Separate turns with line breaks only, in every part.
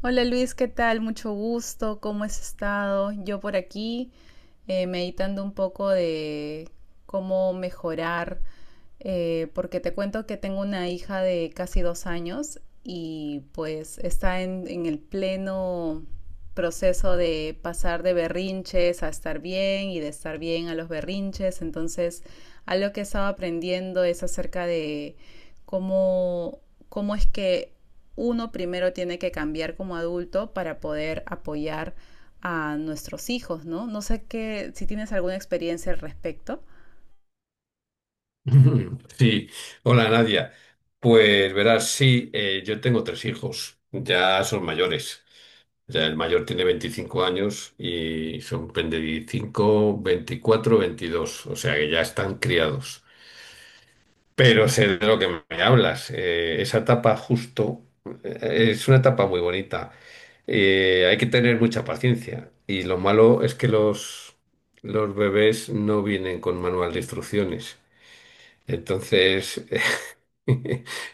Hola Luis, ¿qué tal? Mucho gusto, ¿cómo has estado? Yo por aquí meditando un poco de cómo mejorar, porque te cuento que tengo una hija de casi 2 años y pues está en el pleno proceso de pasar de berrinches a estar bien y de estar bien a los berrinches. Entonces, algo que he estado aprendiendo es acerca de cómo, cómo es que uno primero tiene que cambiar como adulto para poder apoyar a nuestros hijos, ¿no? No sé qué, si tienes alguna experiencia al respecto.
Ujú, sí, hola Nadia. Pues verás, sí, yo tengo tres hijos, ya son mayores. Ya el mayor tiene 25 años y son 25, 24, 22. O sea que ya están criados. Pero sé de lo que me hablas. Esa etapa justo es una etapa muy bonita. Hay que tener mucha paciencia y lo malo es que los bebés no vienen con manual de instrucciones. Entonces,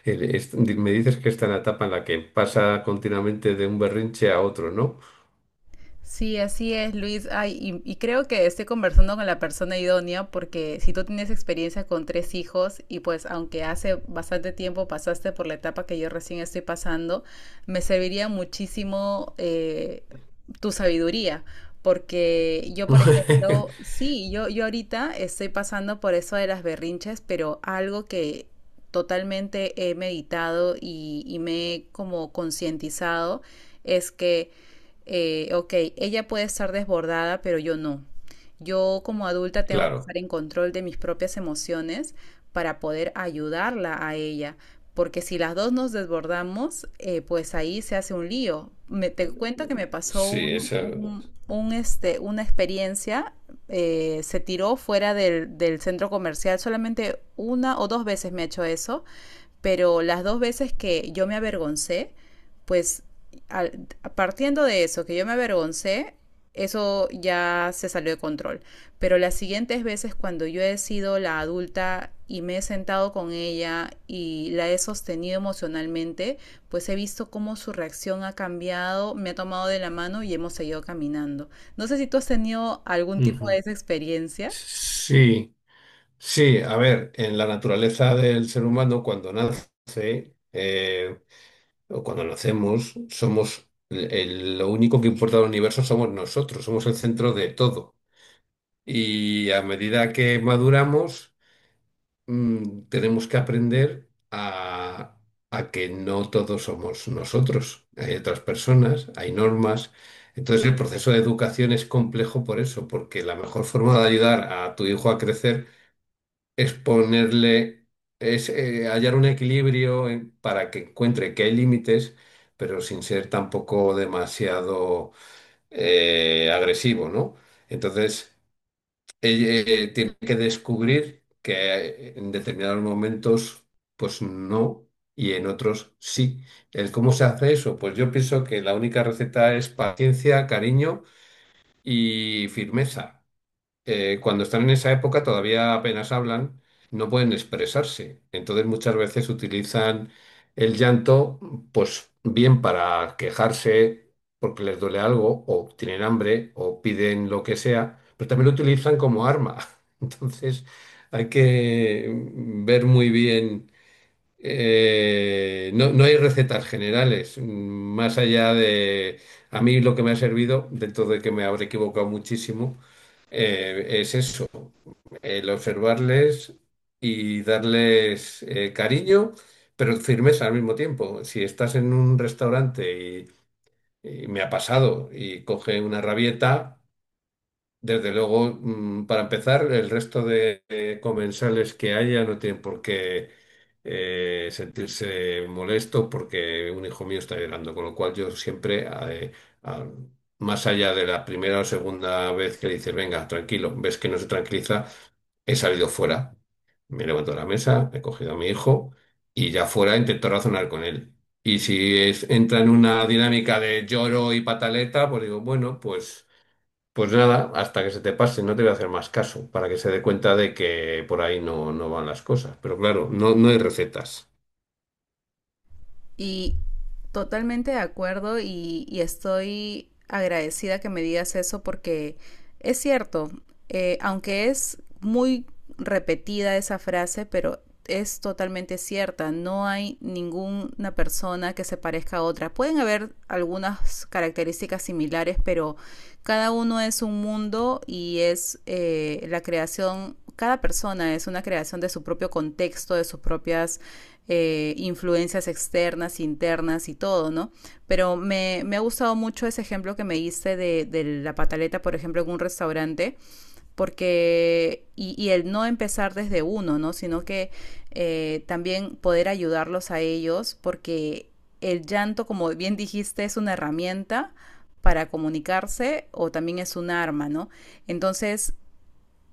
me dices que está en la etapa en la que pasa continuamente de un berrinche a otro, ¿no?
Sí, así es, Luis. Ay, y creo que estoy conversando con la persona idónea porque si tú tienes experiencia con 3 hijos y pues aunque hace bastante tiempo pasaste por la etapa que yo recién estoy pasando, me serviría muchísimo tu sabiduría. Porque yo, por ejemplo, sí, yo ahorita estoy pasando por eso de las berrinches, pero algo que totalmente he meditado y me he como concientizado es que ok, ella puede estar desbordada, pero yo no. Yo como adulta tengo que
Claro,
estar en control de mis propias emociones para poder ayudarla a ella. Porque si las dos nos desbordamos, pues ahí se hace un lío. Te cuento que me pasó
sí, esa...
una experiencia, se tiró fuera del centro comercial, solamente una o dos veces me ha hecho eso, pero las dos veces que yo me avergoncé, pues al- partiendo de eso, que yo me avergoncé, eso ya se salió de control. Pero las siguientes veces cuando yo he sido la adulta y me he sentado con ella y la he sostenido emocionalmente, pues he visto cómo su reacción ha cambiado, me ha tomado de la mano y hemos seguido caminando. No sé si tú has tenido algún tipo de
Ujú.
esa experiencia.
Sí, sí, a ver, en la naturaleza del ser humano, cuando nace o cuando nacemos, somos lo único que importa al universo somos nosotros, somos el centro de todo. Y a medida que maduramos, tenemos que aprender a que no todos somos nosotros, hay otras personas, hay normas. Entonces el proceso de educación es complejo por eso, porque la mejor forma de ayudar a tu hijo a crecer es ponerle, es hallar un equilibrio para que encuentre que hay límites, pero sin ser tampoco demasiado agresivo, ¿no? Entonces tiene que descubrir que en determinados momentos, pues no, y en otros sí. ¿El cómo se hace eso? Pues yo pienso que la única receta es paciencia, cariño y firmeza cuando están en esa época todavía apenas hablan, no pueden expresarse. Entonces muchas veces utilizan el llanto, pues bien para quejarse porque les duele algo, o tienen hambre, o piden lo que sea, pero también lo utilizan como arma. Entonces hay que ver muy bien. No, no hay recetas generales, más allá de... A mí lo que me ha servido, dentro de que me habré equivocado muchísimo, es eso, el observarles y darles cariño, pero firmeza al mismo tiempo. Si estás en un restaurante y me ha pasado y coge una rabieta, desde luego, para empezar, el resto de comensales que haya no tienen por qué sentirse molestos porque un hijo mío está llorando, con lo cual yo siempre, eh, a- más allá de la primera o segunda vez que le dices, venga, tranquilo, ves que no se tranquiliza, he salido fuera, me levanto de la mesa, he cogido a mi hijo y ya fuera intento razonar con él. Y si es- Entra en una dinámica de lloro y pataleta, pues digo, bueno, pues... Pues nada, hasta que se te pase, no te voy a hacer más caso, para que se dé cuenta de que por ahí no, no van las cosas. Pero claro, no, no hay recetas.
Y totalmente de acuerdo y estoy agradecida que me digas eso porque es cierto, aunque es muy repetida esa frase, pero es totalmente cierta. No hay ninguna persona que se parezca a otra. Pueden haber algunas características similares, pero cada uno es un mundo y es la creación, cada persona es una creación de su propio contexto, de sus propias influencias externas, internas y todo, ¿no? Pero ha gustado mucho ese ejemplo que me hice de la pataleta, por ejemplo, en un restaurante, porque, y el no empezar desde uno, ¿no? Sino que también poder ayudarlos a ellos, porque el llanto, como bien dijiste, es una herramienta para comunicarse o también es un arma, ¿no? Entonces,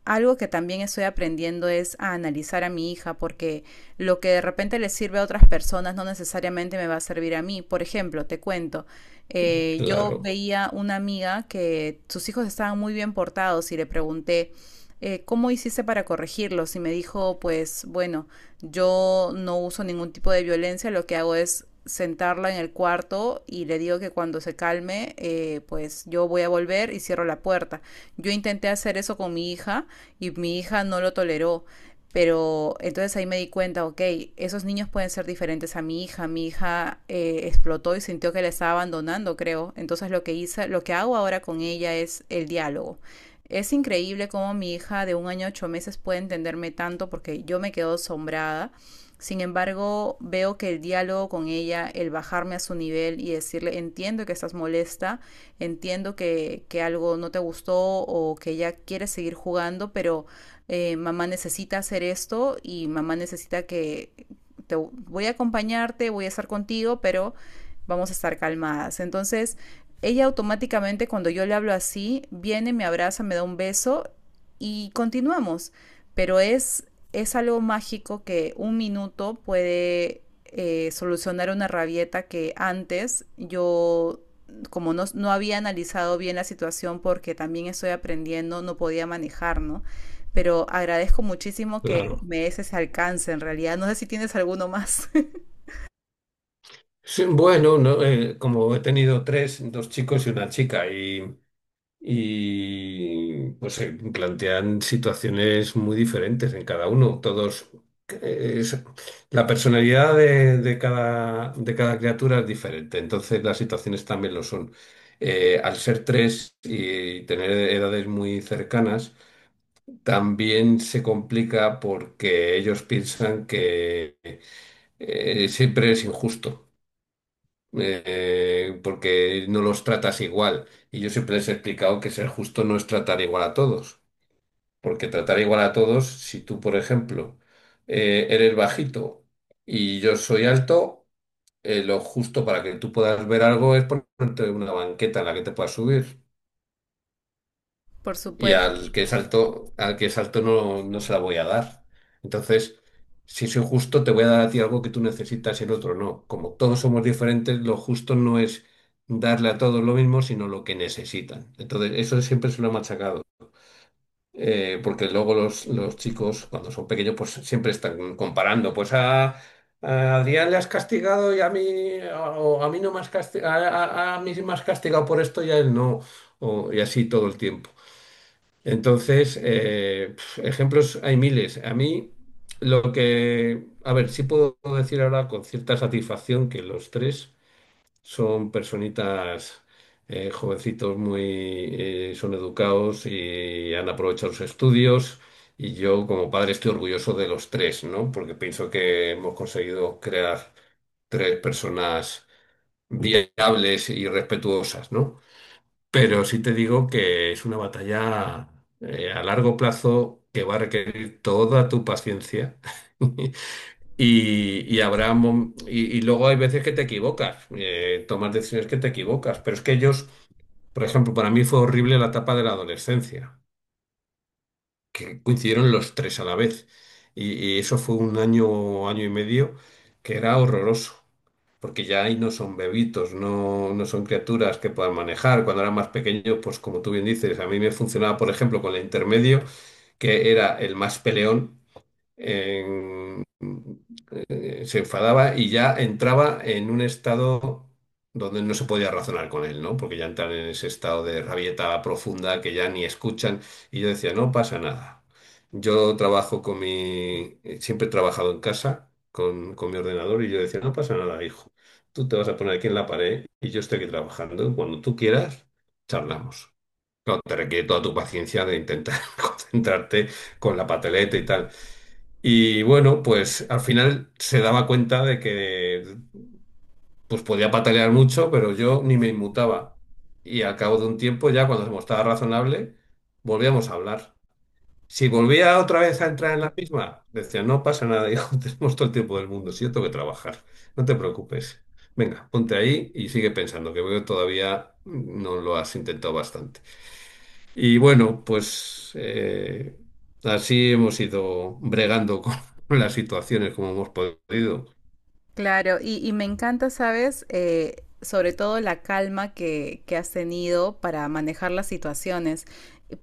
algo que también estoy aprendiendo es a analizar a mi hija porque lo que de repente le sirve a otras personas no necesariamente me va a servir a mí. Por ejemplo, te cuento, yo
Claro,
veía una amiga que sus hijos estaban muy bien portados y le pregunté, ¿cómo hiciste para corregirlos? Y me dijo, pues bueno, yo no uso ningún tipo de violencia, lo que hago es sentarla en el cuarto y le digo que cuando se calme, pues yo voy a volver y cierro la puerta. Yo intenté hacer eso con mi hija y mi hija no lo toleró. Pero entonces ahí me di cuenta, ok, esos niños pueden ser diferentes a mi hija. Mi hija explotó y sintió que la estaba abandonando, creo. Entonces lo que hice, lo que hago ahora con ella es el diálogo. Es increíble cómo mi hija de 1 año 8 meses puede entenderme tanto porque yo me quedo asombrada. Sin embargo, veo que el diálogo con ella, el bajarme a su nivel y decirle, entiendo que estás molesta, entiendo que algo no te gustó o que ya quieres seguir jugando, pero mamá necesita hacer esto y mamá necesita que te voy a acompañarte, voy a estar contigo, pero vamos a estar calmadas. Entonces, ella automáticamente cuando yo le hablo así, viene, me abraza, me da un beso y continuamos. Pero es algo mágico que 1 minuto puede solucionar una rabieta que antes yo como no había analizado bien la situación porque también estoy aprendiendo, no podía manejar, ¿no? Pero agradezco muchísimo que
claro.
me des ese alcance en realidad. No sé si tienes alguno más.
Sí, bueno, no, como he tenido tres, dos chicos y una chica, y pues se plantean situaciones muy diferentes en cada uno. Todos eh, es- la personalidad de cada criatura es diferente, entonces las situaciones también lo son. Al ser tres y tener edades muy cercanas, también se complica porque ellos piensan que siempre es injusto porque no los tratas igual. Y yo siempre les he explicado que ser justo no es tratar igual a todos, porque tratar igual a todos, si tú, por ejemplo, eres bajito y yo soy alto, lo justo para que tú puedas ver algo es ponerte una banqueta en la que te puedas subir.
Por
Y
supuesto.
al que es alto, no, no se la voy a dar. Entonces, si soy justo, te voy a dar a ti algo que tú necesitas y el otro no. Como todos somos diferentes, lo justo no es darle a todos lo mismo, sino lo que necesitan. Entonces, eso siempre se lo he machacado. Porque luego los chicos, cuando son pequeños, pues siempre están comparando. Pues a Adrián le has castigado y a mí, o a mí no me has castigado, a mí sí me has castigado por esto y a él no. O- y así todo el tiempo. Entonces, ejemplos hay miles. A mí, lo que, a ver, sí puedo decir ahora con cierta satisfacción que los tres son personitas, jovencitos muy, son educados y han aprovechado sus estudios. Y yo, como padre, estoy orgulloso de los tres, ¿no? Porque pienso que hemos conseguido crear tres personas viables y respetuosas, ¿no? Pero sí te digo que es una batalla a largo plazo que va a requerir toda tu paciencia. Y, y luego hay veces que te equivocas, tomas decisiones que te equivocas. Pero es que ellos, por ejemplo, para mí fue horrible la etapa de la adolescencia, que coincidieron los tres a la vez. Y eso fue un año, año y medio, que era horroroso porque ya ahí no son bebitos, no, no son criaturas que puedan manejar. Cuando eran más pequeños, pues como tú bien dices, a mí me funcionaba, por ejemplo, con el intermedio, que era el más peleón en- se enfadaba y ya entraba en un estado donde no se podía razonar con él, ¿no? Porque ya entran en ese estado de rabieta profunda que ya ni escuchan. Y yo decía, no pasa nada. Yo trabajo con mi... Siempre he trabajado en casa con mi ordenador y yo decía, no pasa nada, hijo. Tú te vas a poner aquí en la pared y yo estoy aquí trabajando. Cuando tú quieras, charlamos. Claro, te requiere toda tu paciencia de intentar concentrarte con la pateleta y tal. Y bueno, pues al final se daba cuenta de que pues podía patalear mucho, pero yo ni me inmutaba. Y al cabo de un tiempo, ya cuando se mostraba razonable, volvíamos a hablar. Si volvía otra vez a entrar en la misma, decía, no pasa nada, hijo, tenemos todo el tiempo del mundo, si yo tengo que trabajar, no te preocupes. Venga, ponte ahí y sigue pensando, que veo que todavía no lo has intentado bastante. Y bueno, pues así hemos ido bregando con las situaciones como hemos podido.
Claro, y me encanta, ¿sabes? Sobre todo la calma que has tenido para manejar las situaciones.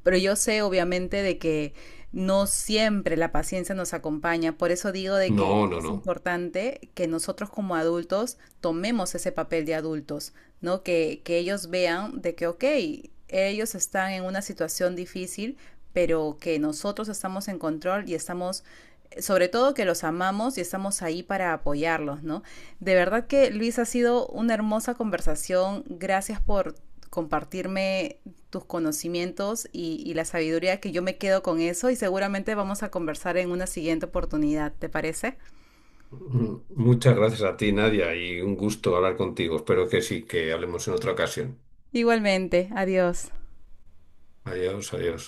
Pero yo sé, obviamente, de que no siempre la paciencia nos acompaña. Por eso digo de que
No, no,
es
no.
importante que nosotros como adultos tomemos ese papel de adultos, ¿no? Que ellos vean de que, ok, ellos están en una situación difícil, pero que nosotros estamos en control y estamos sobre todo que los amamos y estamos ahí para apoyarlos, ¿no? De verdad que Luis ha sido una hermosa conversación. Gracias por compartirme tus conocimientos y la sabiduría que yo me quedo con eso y seguramente vamos a conversar en una siguiente oportunidad, ¿te parece?
Mm, muchas gracias a ti, Nadia, y un gusto hablar contigo. Espero que sí, que hablemos en otra ocasión.
Igualmente, adiós.
Adiós, adiós.